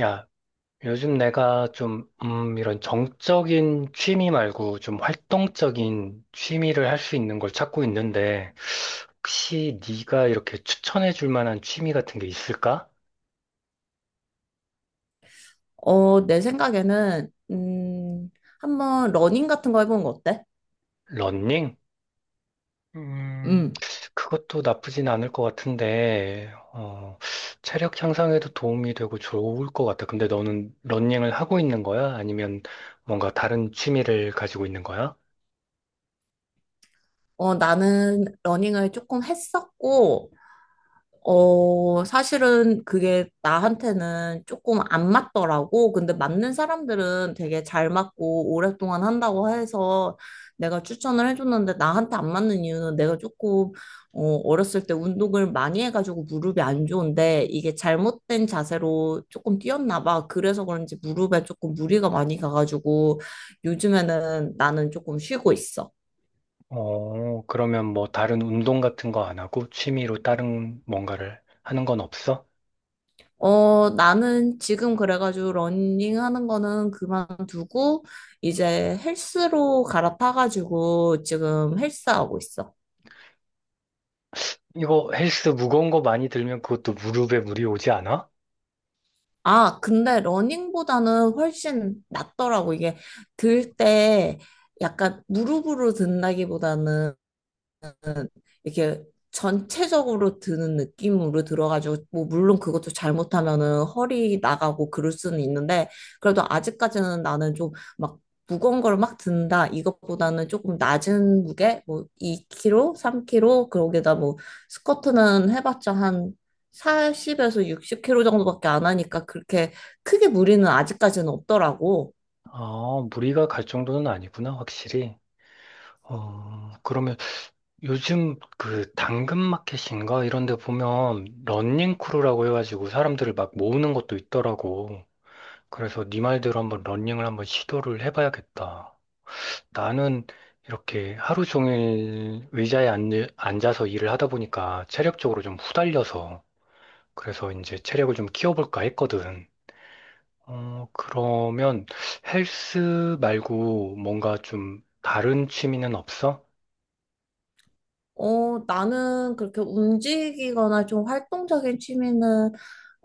야, 요즘 내가 좀, 이런 정적인 취미 말고 좀 활동적인 취미를 할 수 있는 걸 찾고 있는데, 혹시 네가 이렇게 추천해 줄 만한 취미 같은 게 있을까? 내 생각에는, 한번 러닝 같은 거 해보는 거 어때? 러닝? 음, 음. 그것도 나쁘진 않을 것 같은데, 어, 체력 향상에도 도움이 되고 좋을 것 같아. 근데 너는 러닝을 하고 있는 거야? 아니면 뭔가 다른 취미를 가지고 있는 거야? 나는 러닝을 조금 했었고, 사실은 그게 나한테는 조금 안 맞더라고. 근데 맞는 사람들은 되게 잘 맞고 오랫동안 한다고 해서 내가 추천을 해줬는데 나한테 안 맞는 이유는 내가 조금 어렸을 때 운동을 많이 해가지고 무릎이 안 좋은데 이게 잘못된 자세로 조금 뛰었나 봐. 그래서 그런지 무릎에 조금 무리가 많이 가가지고 요즘에는 나는 조금 쉬고 있어. 어, 그러면 뭐 다른 운동 같은 거 안 하고 취미로 다른 뭔가를 하는 건 없어? 나는 지금 그래가지고 러닝 하는 거는 그만두고 이제 헬스로 갈아타가지고 지금 헬스하고 있어. 이거 헬스 무거운 거 많이 들면 그것도 무릎에 무리 오지 않아? 아, 근데 러닝보다는 훨씬 낫더라고. 이게 들 때 약간 무릎으로 든다기보다는 이렇게 전체적으로 드는 느낌으로 들어가지고 뭐 물론 그것도 잘못하면은 허리 나가고 그럴 수는 있는데 그래도 아직까지는 나는 좀 막 무거운 걸 막 든다 이것보다는 조금 낮은 무게 뭐 2kg, 3kg 그러게다 뭐 스쿼트는 해봤자 한 40에서 60kg 정도밖에 안 하니까 그렇게 크게 무리는 아직까지는 없더라고. 아, 무리가 갈 정도는 아니구나, 확실히. 어, 그러면 요즘 그 당근마켓인가 이런 데 보면 런닝 크루라고 해가지고 사람들을 막 모으는 것도 있더라고. 그래서 네 말대로 한번 런닝을 한번 시도를 해봐야겠다. 나는 이렇게 하루 종일 의자에 앉아서 일을 하다 보니까 체력적으로 좀 후달려서 그래서 이제 체력을 좀 키워볼까 했거든. 어, 그러면 헬스 말고 뭔가 좀 다른 취미는 없어? 나는 그렇게 움직이거나 좀 활동적인 취미는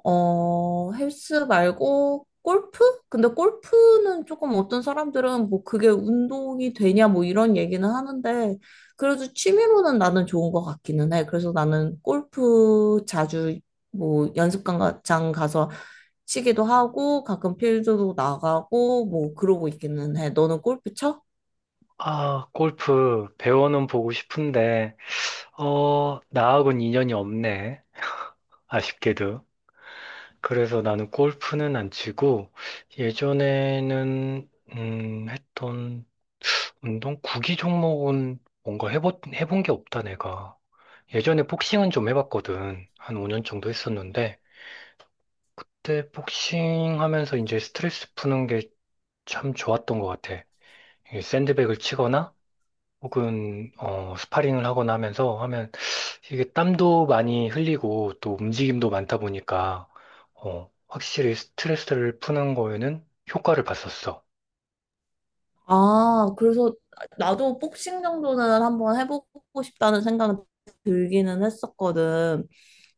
헬스 말고 골프? 근데 골프는 조금 어떤 사람들은 뭐 그게 운동이 되냐 뭐 이런 얘기는 하는데 그래도 취미로는 나는 좋은 것 같기는 해. 그래서 나는 골프 자주 뭐 연습장 가서 치기도 하고 가끔 필드도 나가고 뭐 그러고 있기는 해. 너는 골프 쳐? 아, 골프 배워는 보고 싶은데, 어, 나하고는 인연이 없네. 아쉽게도. 그래서 나는 골프는 안 치고 예전에는 했던 운동 구기 종목은 뭔가 해본 게 없다, 내가. 예전에 복싱은 좀 해봤거든. 한 5년 정도 했었는데, 그때 복싱 하면서 이제 스트레스 푸는 게 참 좋았던 것 같아. 이게 샌드백을 치거나, 혹은, 어, 스파링을 하거나 하면서 하면, 이게 땀도 많이 흘리고, 또 움직임도 많다 보니까, 어, 확실히 스트레스를 푸는 거에는 효과를 봤었어. 아, 그래서 나도 복싱 정도는 한번 해보고 싶다는 생각은 들기는 했었거든.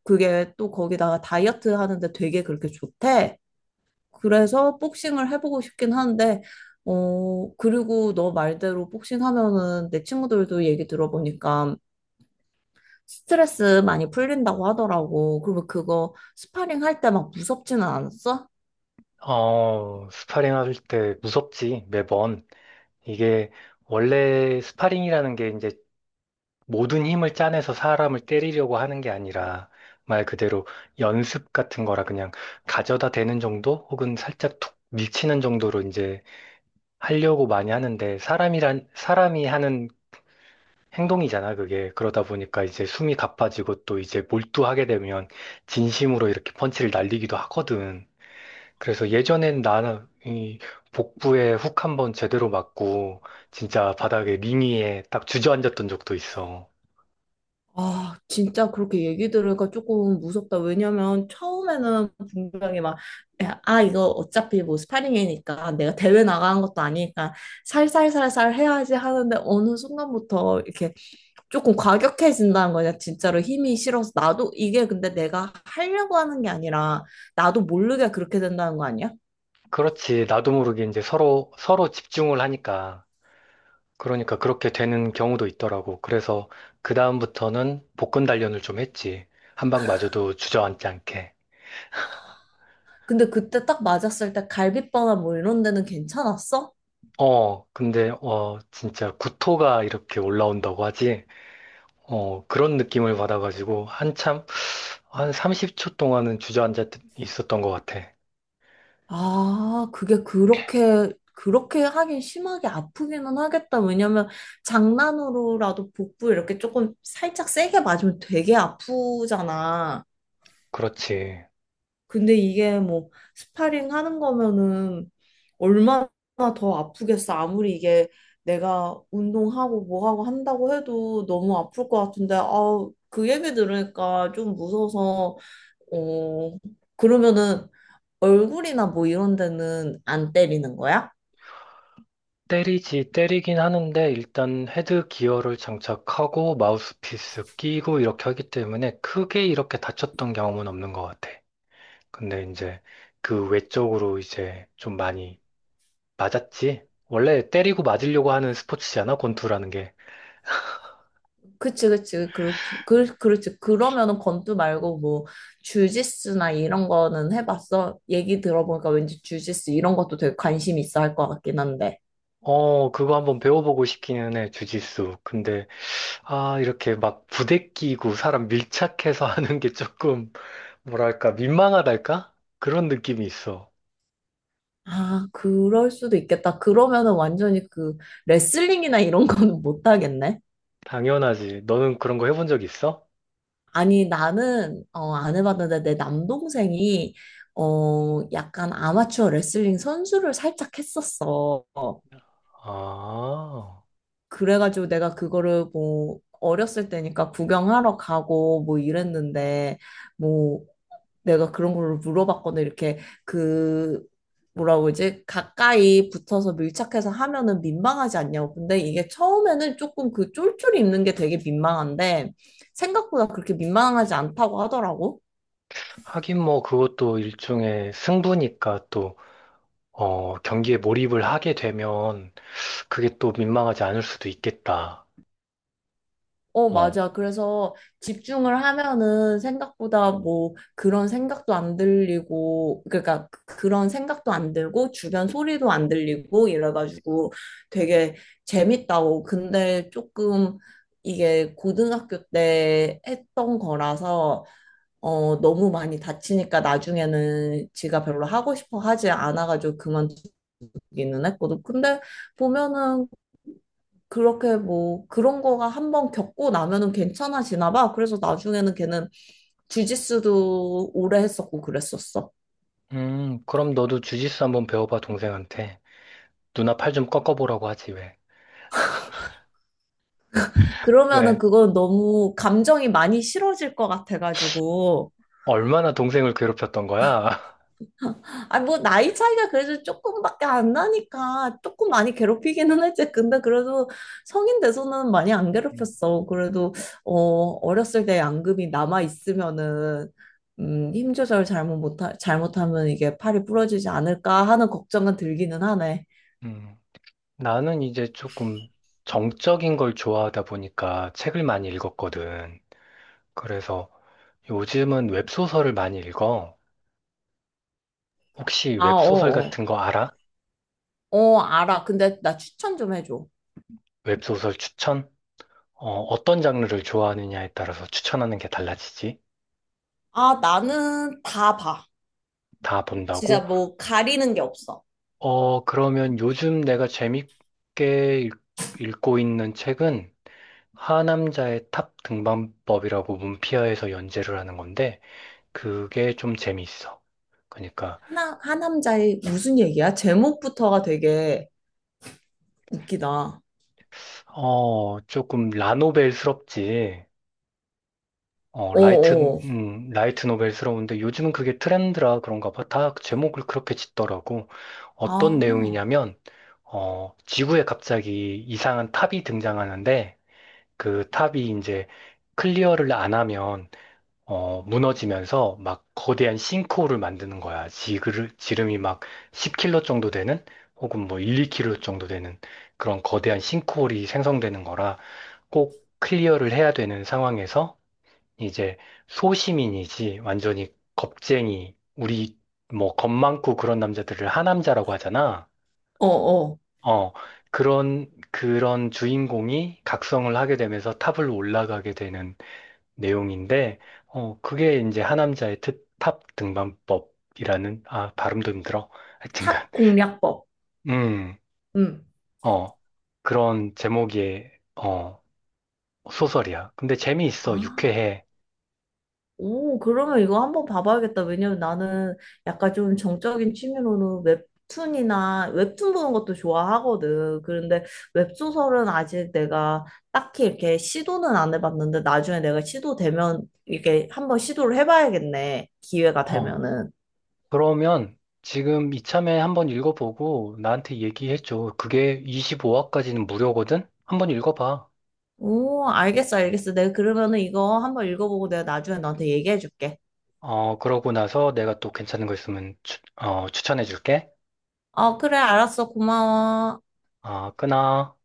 그게 또 거기다가 다이어트 하는데 되게 그렇게 좋대. 그래서 복싱을 해보고 싶긴 한데, 그리고 너 말대로 복싱 하면은 내 친구들도 얘기 들어보니까 스트레스 많이 풀린다고 하더라고. 그러면 그거 스파링 할 때 막 무섭지는 않았어? 어, 스파링 할 때 무섭지, 매번. 이게 원래 스파링이라는 게 이제 모든 힘을 짜내서 사람을 때리려고 하는 게 아니라 말 그대로 연습 같은 거라 그냥 가져다 대는 정도 혹은 살짝 툭 밀치는 정도로 이제 하려고 많이 하는데, 사람이란 사람이 하는 행동이잖아. 그게 그러다 보니까 이제 숨이 가빠지고 또 이제 몰두하게 되면 진심으로 이렇게 펀치를 날리기도 하거든. 그래서 예전엔 나는 이 복부에 훅 한번 제대로 맞고 진짜 바닥에 링이에 딱 주저앉았던 적도 있어. 아, 진짜 그렇게 얘기 들으니까 조금 무섭다. 왜냐면 처음에는 분명히 막, 야, 아, 이거 어차피 뭐 스파링이니까 내가 대회 나가는 것도 아니니까 살살살살 해야지 하는데 어느 순간부터 이렇게 조금 과격해진다는 거냐. 진짜로 힘이 실어서 나도 이게 근데 내가 하려고 하는 게 아니라 나도 모르게 그렇게 된다는 거 아니야? 그렇지. 나도 모르게 이제 서로 서로 집중을 하니까, 그러니까 그렇게 되는 경우도 있더라고. 그래서 그다음부터는 복근 단련을 좀 했지. 한 방 맞아도 주저앉지 않게. 근데 그때 딱 맞았을 때 갈비뼈나 뭐 이런 데는 괜찮았어? 어, 근데 어 진짜 구토가 이렇게 올라온다고 하지. 어, 그런 느낌을 받아가지고 한참 한 30초 동안은 주저앉아 있었던 것 같아. 아, 그게 그렇게 하긴 심하게 아프기는 하겠다. 왜냐면 장난으로라도 복부 이렇게 조금 살짝 세게 맞으면 되게 아프잖아. 그렇지. 근데 이게 뭐 스파링 하는 거면은 얼마나 더 아프겠어. 아무리 이게 내가 운동하고 뭐하고 한다고 해도 너무 아플 것 같은데, 아, 그 얘기 들으니까 좀 무서워서 어, 그러면은 얼굴이나 뭐 이런 데는 안 때리는 거야? 때리지, 때리긴 하는데, 일단 헤드 기어를 장착하고, 마우스피스 끼고, 이렇게 하기 때문에, 크게 이렇게 다쳤던 경험은 없는 것 같아. 근데 이제, 그 외적으로 이제 좀 많이 맞았지? 원래 때리고 맞으려고 하는 스포츠잖아, 권투라는 게. 그치, 그치, 그렇지. 그러면은 권투 말고 뭐 주짓수나 이런 거는 해봤어? 얘기 들어보니까 왠지 주짓수 이런 것도 되게 관심 있어 할 것 같긴 한데. 어, 그거 한번 배워보고 싶기는 해, 주짓수. 근데, 아, 이렇게 막 부대 끼고, 사람 밀착해서 하는 게 조금, 뭐랄까, 민망하달까? 그런 느낌이 있어. 아, 그럴 수도 있겠다. 그러면은 완전히 그 레슬링이나 이런 거는 못 하겠네. 당연하지. 너는 그런 거 해본 적 있어? 아니, 나는, 안 해봤는데, 내 남동생이, 약간 아마추어 레슬링 선수를 살짝 했었어. 아, 그래가지고 내가 그거를 뭐, 어렸을 때니까 구경하러 가고 뭐 이랬는데, 뭐, 내가 그런 걸 물어봤거든. 이렇게 그, 뭐라고 그러지? 가까이 붙어서 밀착해서 하면은 민망하지 않냐고. 근데 이게 처음에는 조금 그 쫄쫄이 입는 게 되게 민망한데, 생각보다 그렇게 민망하지 않다고 하더라고. 하긴 뭐 그것도 일종의 승부니까 또, 어, 경기에 몰입을 하게 되면 그게 또 민망하지 않을 수도 있겠다. 어, 맞아. 그래서 집중을 하면은 생각보다 뭐 그런 생각도 안 들리고, 그러니까 그런 생각도 안 들고, 주변 소리도 안 들리고 이래가지고 되게 재밌다고. 근데 조금 이게 고등학교 때 했던 거라서, 너무 많이 다치니까 나중에는 지가 별로 하고 싶어 하지 않아가지고 그만두기는 했거든. 근데 보면은 그렇게 뭐 그런 거가 한번 겪고 나면은 괜찮아지나 봐. 그래서 나중에는 걔는 주짓수도 오래 했었고 그랬었어. 그럼 너도 주짓수 한번 배워봐, 동생한테. 누나 팔 좀 꺾어보라고 하지, 왜? 왜? 그러면은 그건 너무 감정이 많이 실어질 것 같아가지고 얼마나 동생을 괴롭혔던 거야? 아, 뭐, 나이 차이가 그래도 조금밖에 안 나니까 조금 많이 괴롭히기는 했지. 근데 그래도 성인 돼서는 많이 안 음, 괴롭혔어. 그래도, 어, 어렸을 때 양금이 남아있으면은, 힘 조절 잘못하면 이게 팔이 부러지지 않을까 하는 걱정은 들기는 하네. 음. 나는 이제 조금 정적인 걸 좋아하다 보니까 책을 많이 읽었거든. 그래서 요즘은 웹소설을 많이 읽어. 혹시 아, 웹소설 어, 어. 같은 거 알아? 어, 알아. 근데 나 추천 좀 해줘. 웹소설 추천? 어, 떤 장르를 좋아하느냐에 따라서 추천하는 게 달라지지. 아, 나는 다 봐. 다 진짜 본다고? 뭐 가리는 게 없어. 어, 그러면 요즘 내가 재밌게 읽고 있는 책은 하남자의 탑 등반법이라고 문피아에서 연재를 하는 건데, 그게 좀 재미있어. 그러니까, 하남자의 무슨 얘기야? 제목부터가 되게 웃기다. 어, 조금 라노벨스럽지. 어, 라이트, 어어, 라이트 노벨스러운데 요즘은 그게 트렌드라 그런가 봐. 다 제목을 그렇게 짓더라고. 어떤 아, 내용이냐면, 어, 지구에 갑자기 이상한 탑이 등장하는데, 그 탑이 이제 클리어를 안 하면, 어, 무너지면서 막 거대한 싱크홀을 만드는 거야. 지름이 막 10 km 정도 되는, 혹은 뭐 1, 2 km 정도 되는 그런 거대한 싱크홀이 생성되는 거라 꼭 클리어를 해야 되는 상황에서 이제 소시민이지 완전히 겁쟁이, 우리 뭐 겁 많고 그런 남자들을 하남자라고 하잖아. 어어. 어, 그런 주인공이 각성을 하게 되면서 탑을 올라가게 되는 내용인데, 어 그게 이제 하남자의 탑 등반법이라는, 아 발음도 힘들어. 하여튼간 탑 공략법. 음. 음어 그런 제목의 어 소설이야. 근데 재미있어, 아. 유쾌해. 오, 그러면 이거 한번 봐봐야겠다. 왜냐면 나는 약간 좀 정적인 취미로는 웹툰이나 웹툰 보는 것도 좋아하거든. 그런데 웹소설은 아직 내가 딱히 이렇게 시도는 안 해봤는데 나중에 내가 시도되면 이게 한번 시도를 해봐야겠네. 기회가 어, 되면은. 그러면 지금 이참에 한번 읽어보고 나한테 얘기해줘. 그게 25화까지는 무료거든? 한번 읽어봐. 오, 알겠어, 알겠어. 내가 그러면은 이거 한번 읽어보고 내가 나중에 너한테 얘기해줄게. 어, 그러고 나서 내가 또 괜찮은 거 있으면 추천해줄게. 어, 그래, 알았어. 고마워. 아, 끊어.